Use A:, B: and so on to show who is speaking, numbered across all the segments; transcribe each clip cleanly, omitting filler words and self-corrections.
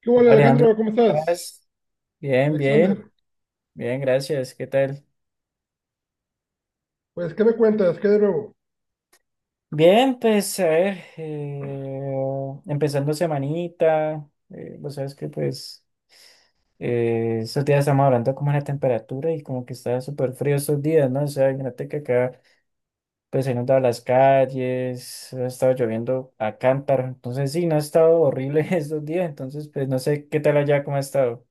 A: ¿Qué hola
B: Alejandro,
A: Alejandro? ¿Cómo
B: ¿cómo
A: estás?
B: estás? Bien, bien,
A: Alexander,
B: bien, gracias. ¿Qué tal?
A: pues, ¿qué me cuentas? ¿Qué de nuevo?
B: Bien, pues a ver, empezando semanita, vos sabes que pues estos días estamos hablando como de la temperatura y como que está súper frío estos días, ¿no? O sea, imagínate que acá pues se han inundado las calles, ha estado lloviendo a cántaro, entonces sí, no ha estado horrible estos días, entonces pues no sé qué tal allá, cómo ha estado.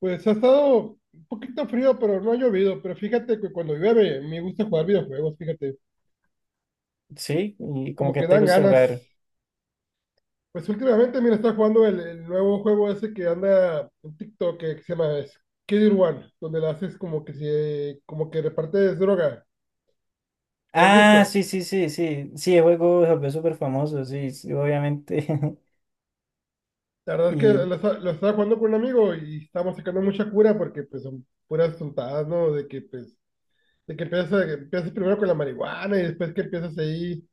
A: Pues ha estado un poquito frío, pero no ha llovido. Pero fíjate que cuando llueve me gusta jugar videojuegos, fíjate,
B: Sí, y como
A: como
B: que
A: que
B: te
A: dan
B: gusta
A: ganas.
B: jugar.
A: Pues últimamente, mira, está jugando el nuevo juego ese que anda en TikTok que se llama Skid One, donde le haces como que repartes droga. ¿Lo has
B: Ah,
A: visto?
B: sí, sí, sí, sí. Sí, el juego se volvió súper famoso, sí, sí, obviamente.
A: La verdad es que
B: Y
A: lo estaba jugando con un amigo y estábamos sacando mucha cura porque pues son puras tontadas, ¿no? De que empiezas primero con la marihuana y después que empiezas ahí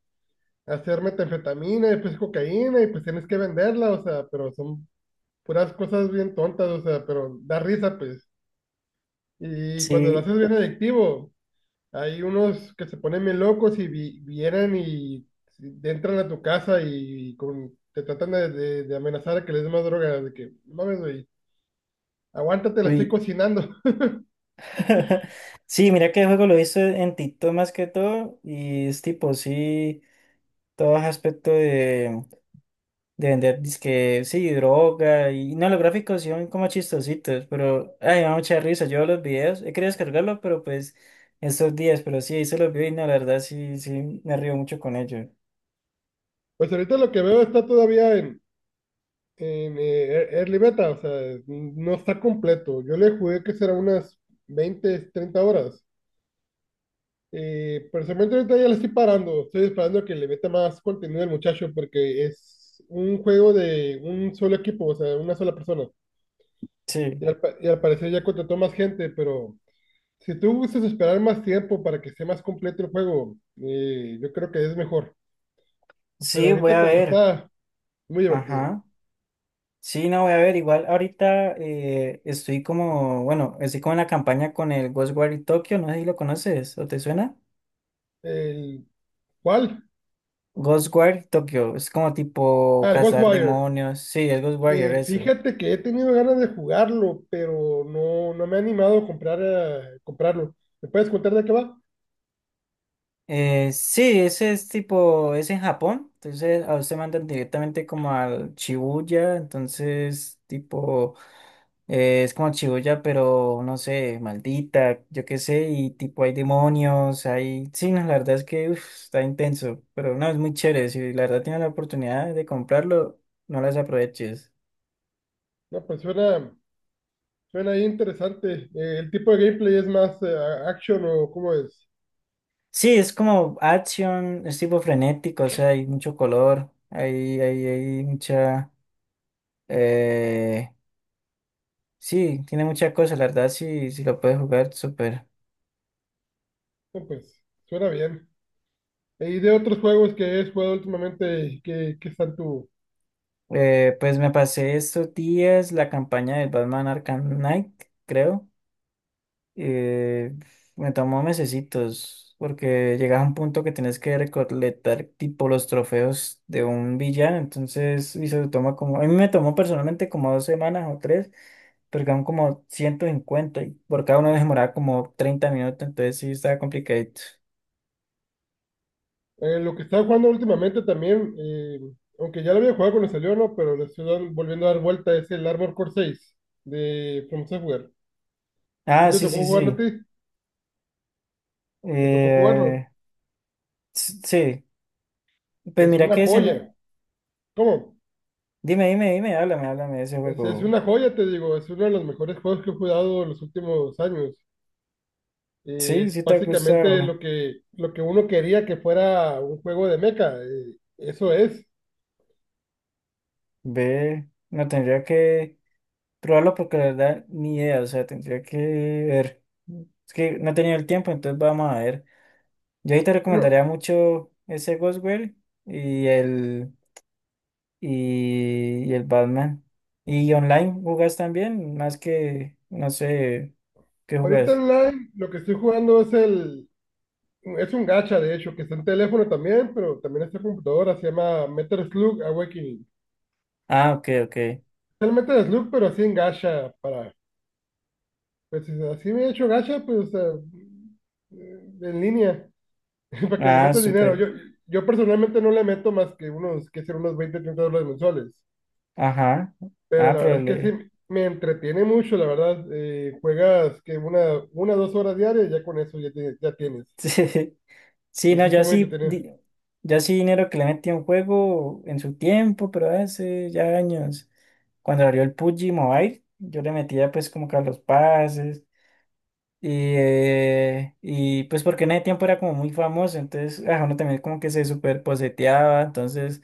A: a hacer metanfetamina y después cocaína y pues tienes que venderla, o sea, pero son puras cosas bien tontas, o sea, pero da risa pues. Y cuando lo
B: sí,
A: haces, bien adictivo, hay unos que se ponen bien locos y vienen y te entran a tu casa y, te tratan de amenazar a que les des más droga, de que, "No mames, güey, aguántate, la estoy
B: uy.
A: cocinando".
B: Sí, mira que el juego lo hizo en TikTok más que todo. Y es tipo, sí, todo ese aspecto de vender disque, sí, droga. Y no, los gráficos sí son como chistositos, pero ay, me da mucha risa. Yo los videos, he querido descargarlo, pero pues estos días, pero sí, hice los videos y no, la verdad sí, sí, me río mucho con ellos.
A: Pues ahorita lo que veo está todavía en Early Beta, o sea, no está completo. Yo le jugué que será unas 20-30 horas. Personalmente ahorita ya le estoy parando. Estoy esperando a que le meta más contenido al muchacho porque es un juego de un solo equipo, o sea, una sola persona.
B: Sí,
A: Y y al parecer ya contrató más gente, pero si tú gustas esperar más tiempo para que sea más completo el juego, yo creo que es mejor. Pero
B: sí, voy
A: ahorita
B: a
A: como
B: ver.
A: está, muy divertido.
B: Ajá. Sí, no, voy a ver, igual ahorita estoy como, bueno, estoy como en la campaña con el Ghostwire Tokyo, no sé si lo conoces o te suena.
A: El, ¿Cuál?
B: Ghostwire Tokyo, es como tipo
A: Ah, el
B: cazar
A: Ghostwire.
B: demonios, sí, es Ghostwire
A: Eh,
B: eso.
A: fíjate que he tenido ganas de jugarlo, pero no, no me he animado a comprar, comprarlo. ¿Me puedes contar de qué va?
B: Sí, ese es tipo, es en Japón, entonces a usted mandan directamente como al Shibuya, entonces tipo, es como Shibuya, pero no sé, maldita, yo qué sé, y tipo hay demonios, hay, sí, no, la verdad es que uf, está intenso, pero no, es muy chévere, si la verdad tienes la oportunidad de comprarlo, no las aproveches.
A: No, pues suena ahí interesante. ¿El tipo de gameplay es más action o cómo es?
B: Sí, es como acción, es tipo frenético, o sea, hay mucho color, hay mucha. eh, Sí, tiene muchas cosas, la verdad, sí, sí lo puedes jugar, súper.
A: No, pues suena bien. ¿Y de otros juegos que has jugado últimamente, y que están tú?
B: Pues me pasé estos días la campaña del Batman Arkham Knight, creo. Eh, Me tomó mesecitos, porque llegas a un punto que tienes que recolectar tipo los trofeos de un villano, entonces, y se toma como, a mí me tomó personalmente como 2 semanas o 3, pero quedaron como 150 y por cada uno demoraba como 30 minutos, entonces sí estaba complicadito.
A: Lo que estaba jugando últimamente también, aunque ya lo había jugado cuando salió, ¿no? Pero le estoy volviendo a dar vuelta, es el Armor Core 6 de From Software.
B: Ah,
A: ¿Sí te
B: sí,
A: tocó
B: sí,
A: jugarlo a
B: sí.
A: ti? ¿Te tocó jugarlo?
B: Eh, Sí, pues
A: Es
B: mira
A: una
B: que ese no.
A: joya. ¿Cómo?
B: Dime, dime, dime, háblame, háblame de ese
A: Es
B: juego.
A: una joya, te digo. Es uno de los mejores juegos que he jugado en los últimos años. Eh,
B: Sí, sí
A: Es
B: te ha
A: básicamente
B: gustado.
A: lo que uno quería que fuera un juego de mecha. Eso es.
B: Ve, no tendría que probarlo porque la verdad ni idea, o sea, tendría que ver. Es que no he tenido el tiempo, entonces vamos a ver. Yo ahí te
A: Bueno,
B: recomendaría mucho ese Ghostwire y el y el Batman. ¿Y online jugás también? Más que, no sé, ¿qué
A: ahorita
B: jugás?
A: online lo que estoy jugando es el... Es un gacha, de hecho, que está en teléfono también, pero también está en computadora. Se llama Metal Slug Awakening.
B: Ah, ok, ok.
A: Es el Metal Slug, pero así en gacha. Para, pues así me he hecho gacha, pues, o sea, en línea. Para que le
B: Ah,
A: metas dinero.
B: súper.
A: Yo personalmente no le meto más que unos, que ser unos 20-30 dólares mensuales.
B: Ajá.
A: Pero
B: Ah,
A: la
B: pero
A: verdad es que
B: le.
A: sí, me entretiene mucho, la verdad. Juegas que dos horas diarias, ya con eso ya, ya tienes.
B: Sí, sí,
A: Y
B: no,
A: sí está
B: yo
A: muy
B: sí,
A: entretenido.
B: di- yo sí dinero que le metí a un juego en su tiempo, pero hace ya años, cuando abrió el PUBG Mobile, yo le metía pues como que a los pases y, y pues porque en ese tiempo era como muy famoso, entonces ah, uno también como que se super poseteaba, entonces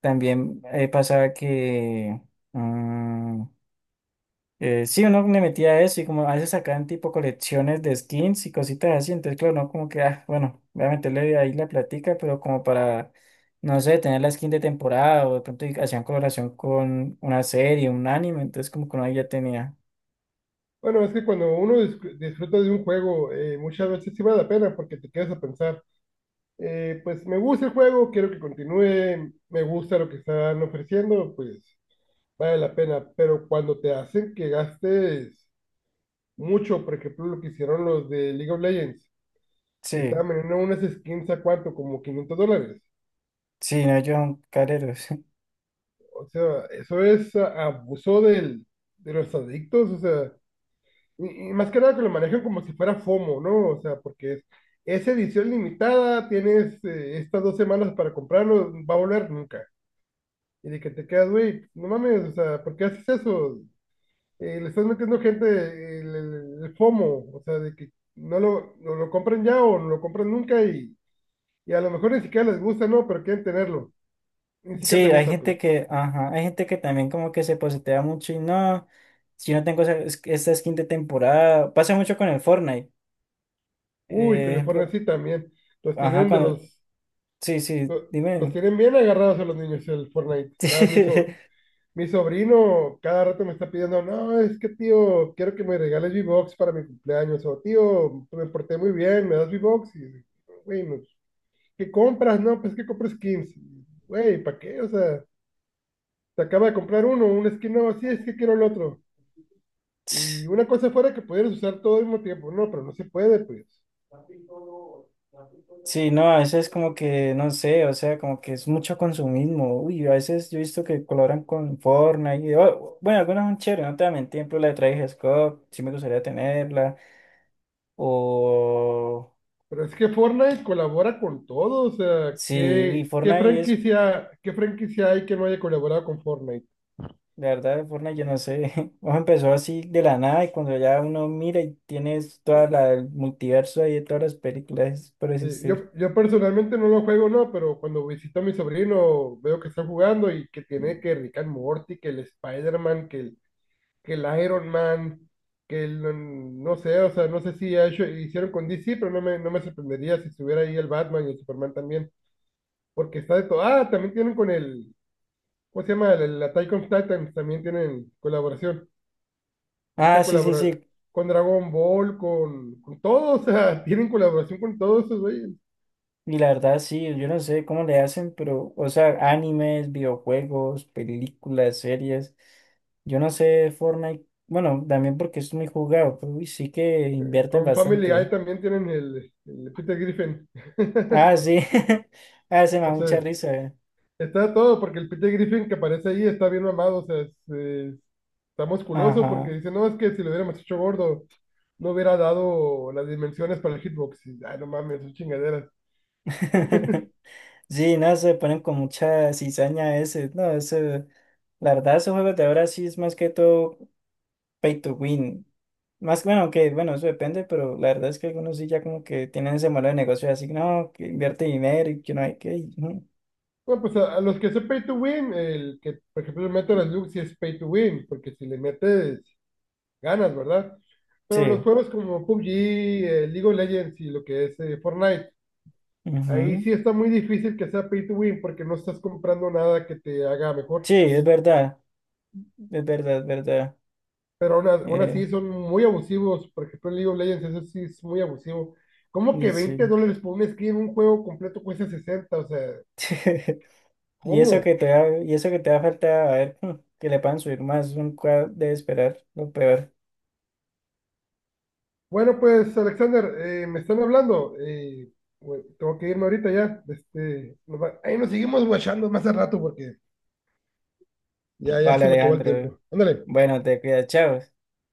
B: también pasaba que. mm, sí, uno le metía a eso y como a veces sacaban tipo colecciones de skins y cositas así, entonces claro, no como que, ah, bueno, voy a meterle ahí la platica, pero como para, no sé, tener la skin de temporada o de pronto y hacían colaboración con una serie, un anime, entonces como que uno ahí ya tenía.
A: Bueno, es que cuando uno disfruta de un juego, muchas veces sí vale la pena porque te quedas a pensar, pues me gusta el juego, quiero que continúe, me gusta lo que están ofreciendo, pues vale la pena. Pero cuando te hacen que gastes mucho, por ejemplo, lo que hicieron los de League of Legends, que
B: Sí,
A: estaban vendiendo unas skins a cuánto, como 500 dólares.
B: sí, no, yo son careros.
A: O sea, eso es abuso de los adictos, o sea, y más que nada que lo manejan como si fuera FOMO, ¿no? O sea, porque es edición limitada, tienes estas 2 semanas para comprarlo, va a volver nunca. Y de que te quedas, güey, no mames, o sea, ¿por qué haces eso? Le estás metiendo gente el FOMO, o sea, de que no lo compren ya o no lo compren nunca. Y Y a lo mejor ni siquiera les gusta, ¿no? Pero quieren tenerlo. Ni
B: Sí,
A: siquiera te
B: hay
A: gusta, pues.
B: gente que, ajá, hay gente que también como que se posetea mucho y no, si no tengo esa, esta skin de temporada, pasa mucho con el Fortnite,
A: Uy, con el
B: ejemplo,
A: Fortnite sí también. Los
B: ajá,
A: tienen de
B: cuando,
A: los...
B: sí, sí,
A: Los
B: dime.
A: tienen bien agarrados a los niños el Fortnite. Ah, mi sobrino cada rato me está pidiendo, no, es que tío, quiero que me regales V-Box para mi cumpleaños. O tío, me porté muy bien, me das V-Box. Y, güey, no, ¿qué compras? No, pues que compro skins. Güey, ¿para qué? O sea, te acaba de comprar un skin nuevo, sí, es que quiero el otro. Y una cosa fuera que pudieras usar todo al mismo tiempo, no, pero no se puede, pues.
B: Sí, no, a veces como que, no sé, o sea, como que es mucho consumismo. Uy, a veces yo he visto que colaboran con Fortnite. Y, oh, bueno, algunas son chéveres, no te voy a mentir, por ejemplo, la de Travis Scott, sí me gustaría tenerla. O
A: Pero es que Fortnite colabora con todo, o sea,
B: sí, y Fortnite es,
A: ¿qué franquicia hay que no haya colaborado con Fortnite?
B: la verdad, Fortnite yo no sé. Ojo, empezó así de la nada y cuando ya uno mira y tienes toda la el multiverso ahí de todas las películas por existir.
A: Yo personalmente no lo juego, no, pero cuando visito a mi sobrino veo que está jugando y que tiene que Rick and Morty, que el Spider-Man, que el Iron Man, no sé, o sea, no sé si hicieron con DC, pero no me sorprendería si estuviera ahí el Batman y el Superman también, porque está de todo. Ah, también tienen con ¿cómo se llama? La Attack on Titan también tienen colaboración. O
B: Ah,
A: sea,
B: sí, sí,
A: colaborar
B: sí,
A: con Dragon Ball, con todo, o sea, tienen colaboración con todos esos güeyes.
B: y la verdad, sí, yo no sé cómo le hacen, pero, o sea, animes, videojuegos, películas, series, yo no sé Fortnite, bueno, también porque es muy jugado, pero uy, sí que invierten
A: Con Family Guy
B: bastante.
A: también tienen el Peter Griffin.
B: Ah, sí, ah, se me
A: O
B: da mucha
A: sea,
B: risa.
A: está todo, porque el Peter Griffin que aparece ahí está bien mamado, o sea, está musculoso, porque
B: Ajá.
A: dice, no, es que si lo hubiéramos hecho gordo, no hubiera dado las dimensiones para el hitbox. Y, ay, no mames, son chingaderas.
B: Sí, no, se ponen con mucha cizaña ese, no, ese la verdad, esos juegos de ahora sí es más que todo pay to win. Más bueno, que bueno, eso depende, pero la verdad es que algunos sí ya como que tienen ese modelo de negocio así, no, que invierte dinero y que no hay que. Ujú.
A: Bueno, pues a los que son pay to win, el que, por ejemplo, le meto las Lux y es pay to win, porque si le metes, ganas, ¿verdad?
B: Sí,
A: Pero los juegos como PUBG, League of Legends y lo que es Fortnite, ahí
B: ujú.
A: sí está muy difícil que sea pay to win, porque no estás comprando nada que te haga mejor.
B: Sí, es
A: eh,
B: verdad, es verdad, es verdad.
A: pero aún, aún
B: Eh,
A: así son muy abusivos, por ejemplo, en League of Legends, eso sí es muy abusivo. ¿Cómo
B: y
A: que
B: sí.
A: 20 dólares por un skin en un juego completo cuesta 60? O sea,
B: Y eso que
A: ¿cómo?
B: te va, y eso que te va a faltar, a ver, que le puedan subir más, nunca debe esperar lo peor.
A: Bueno, pues Alexander, me están hablando. Güey, tengo que irme ahorita ya. Este, ahí nos seguimos guachando más al rato porque ya, ya
B: Vale,
A: se me acabó el
B: Alejandro.
A: tiempo. Ándale,
B: Bueno, te cuidas, chao.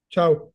A: chao.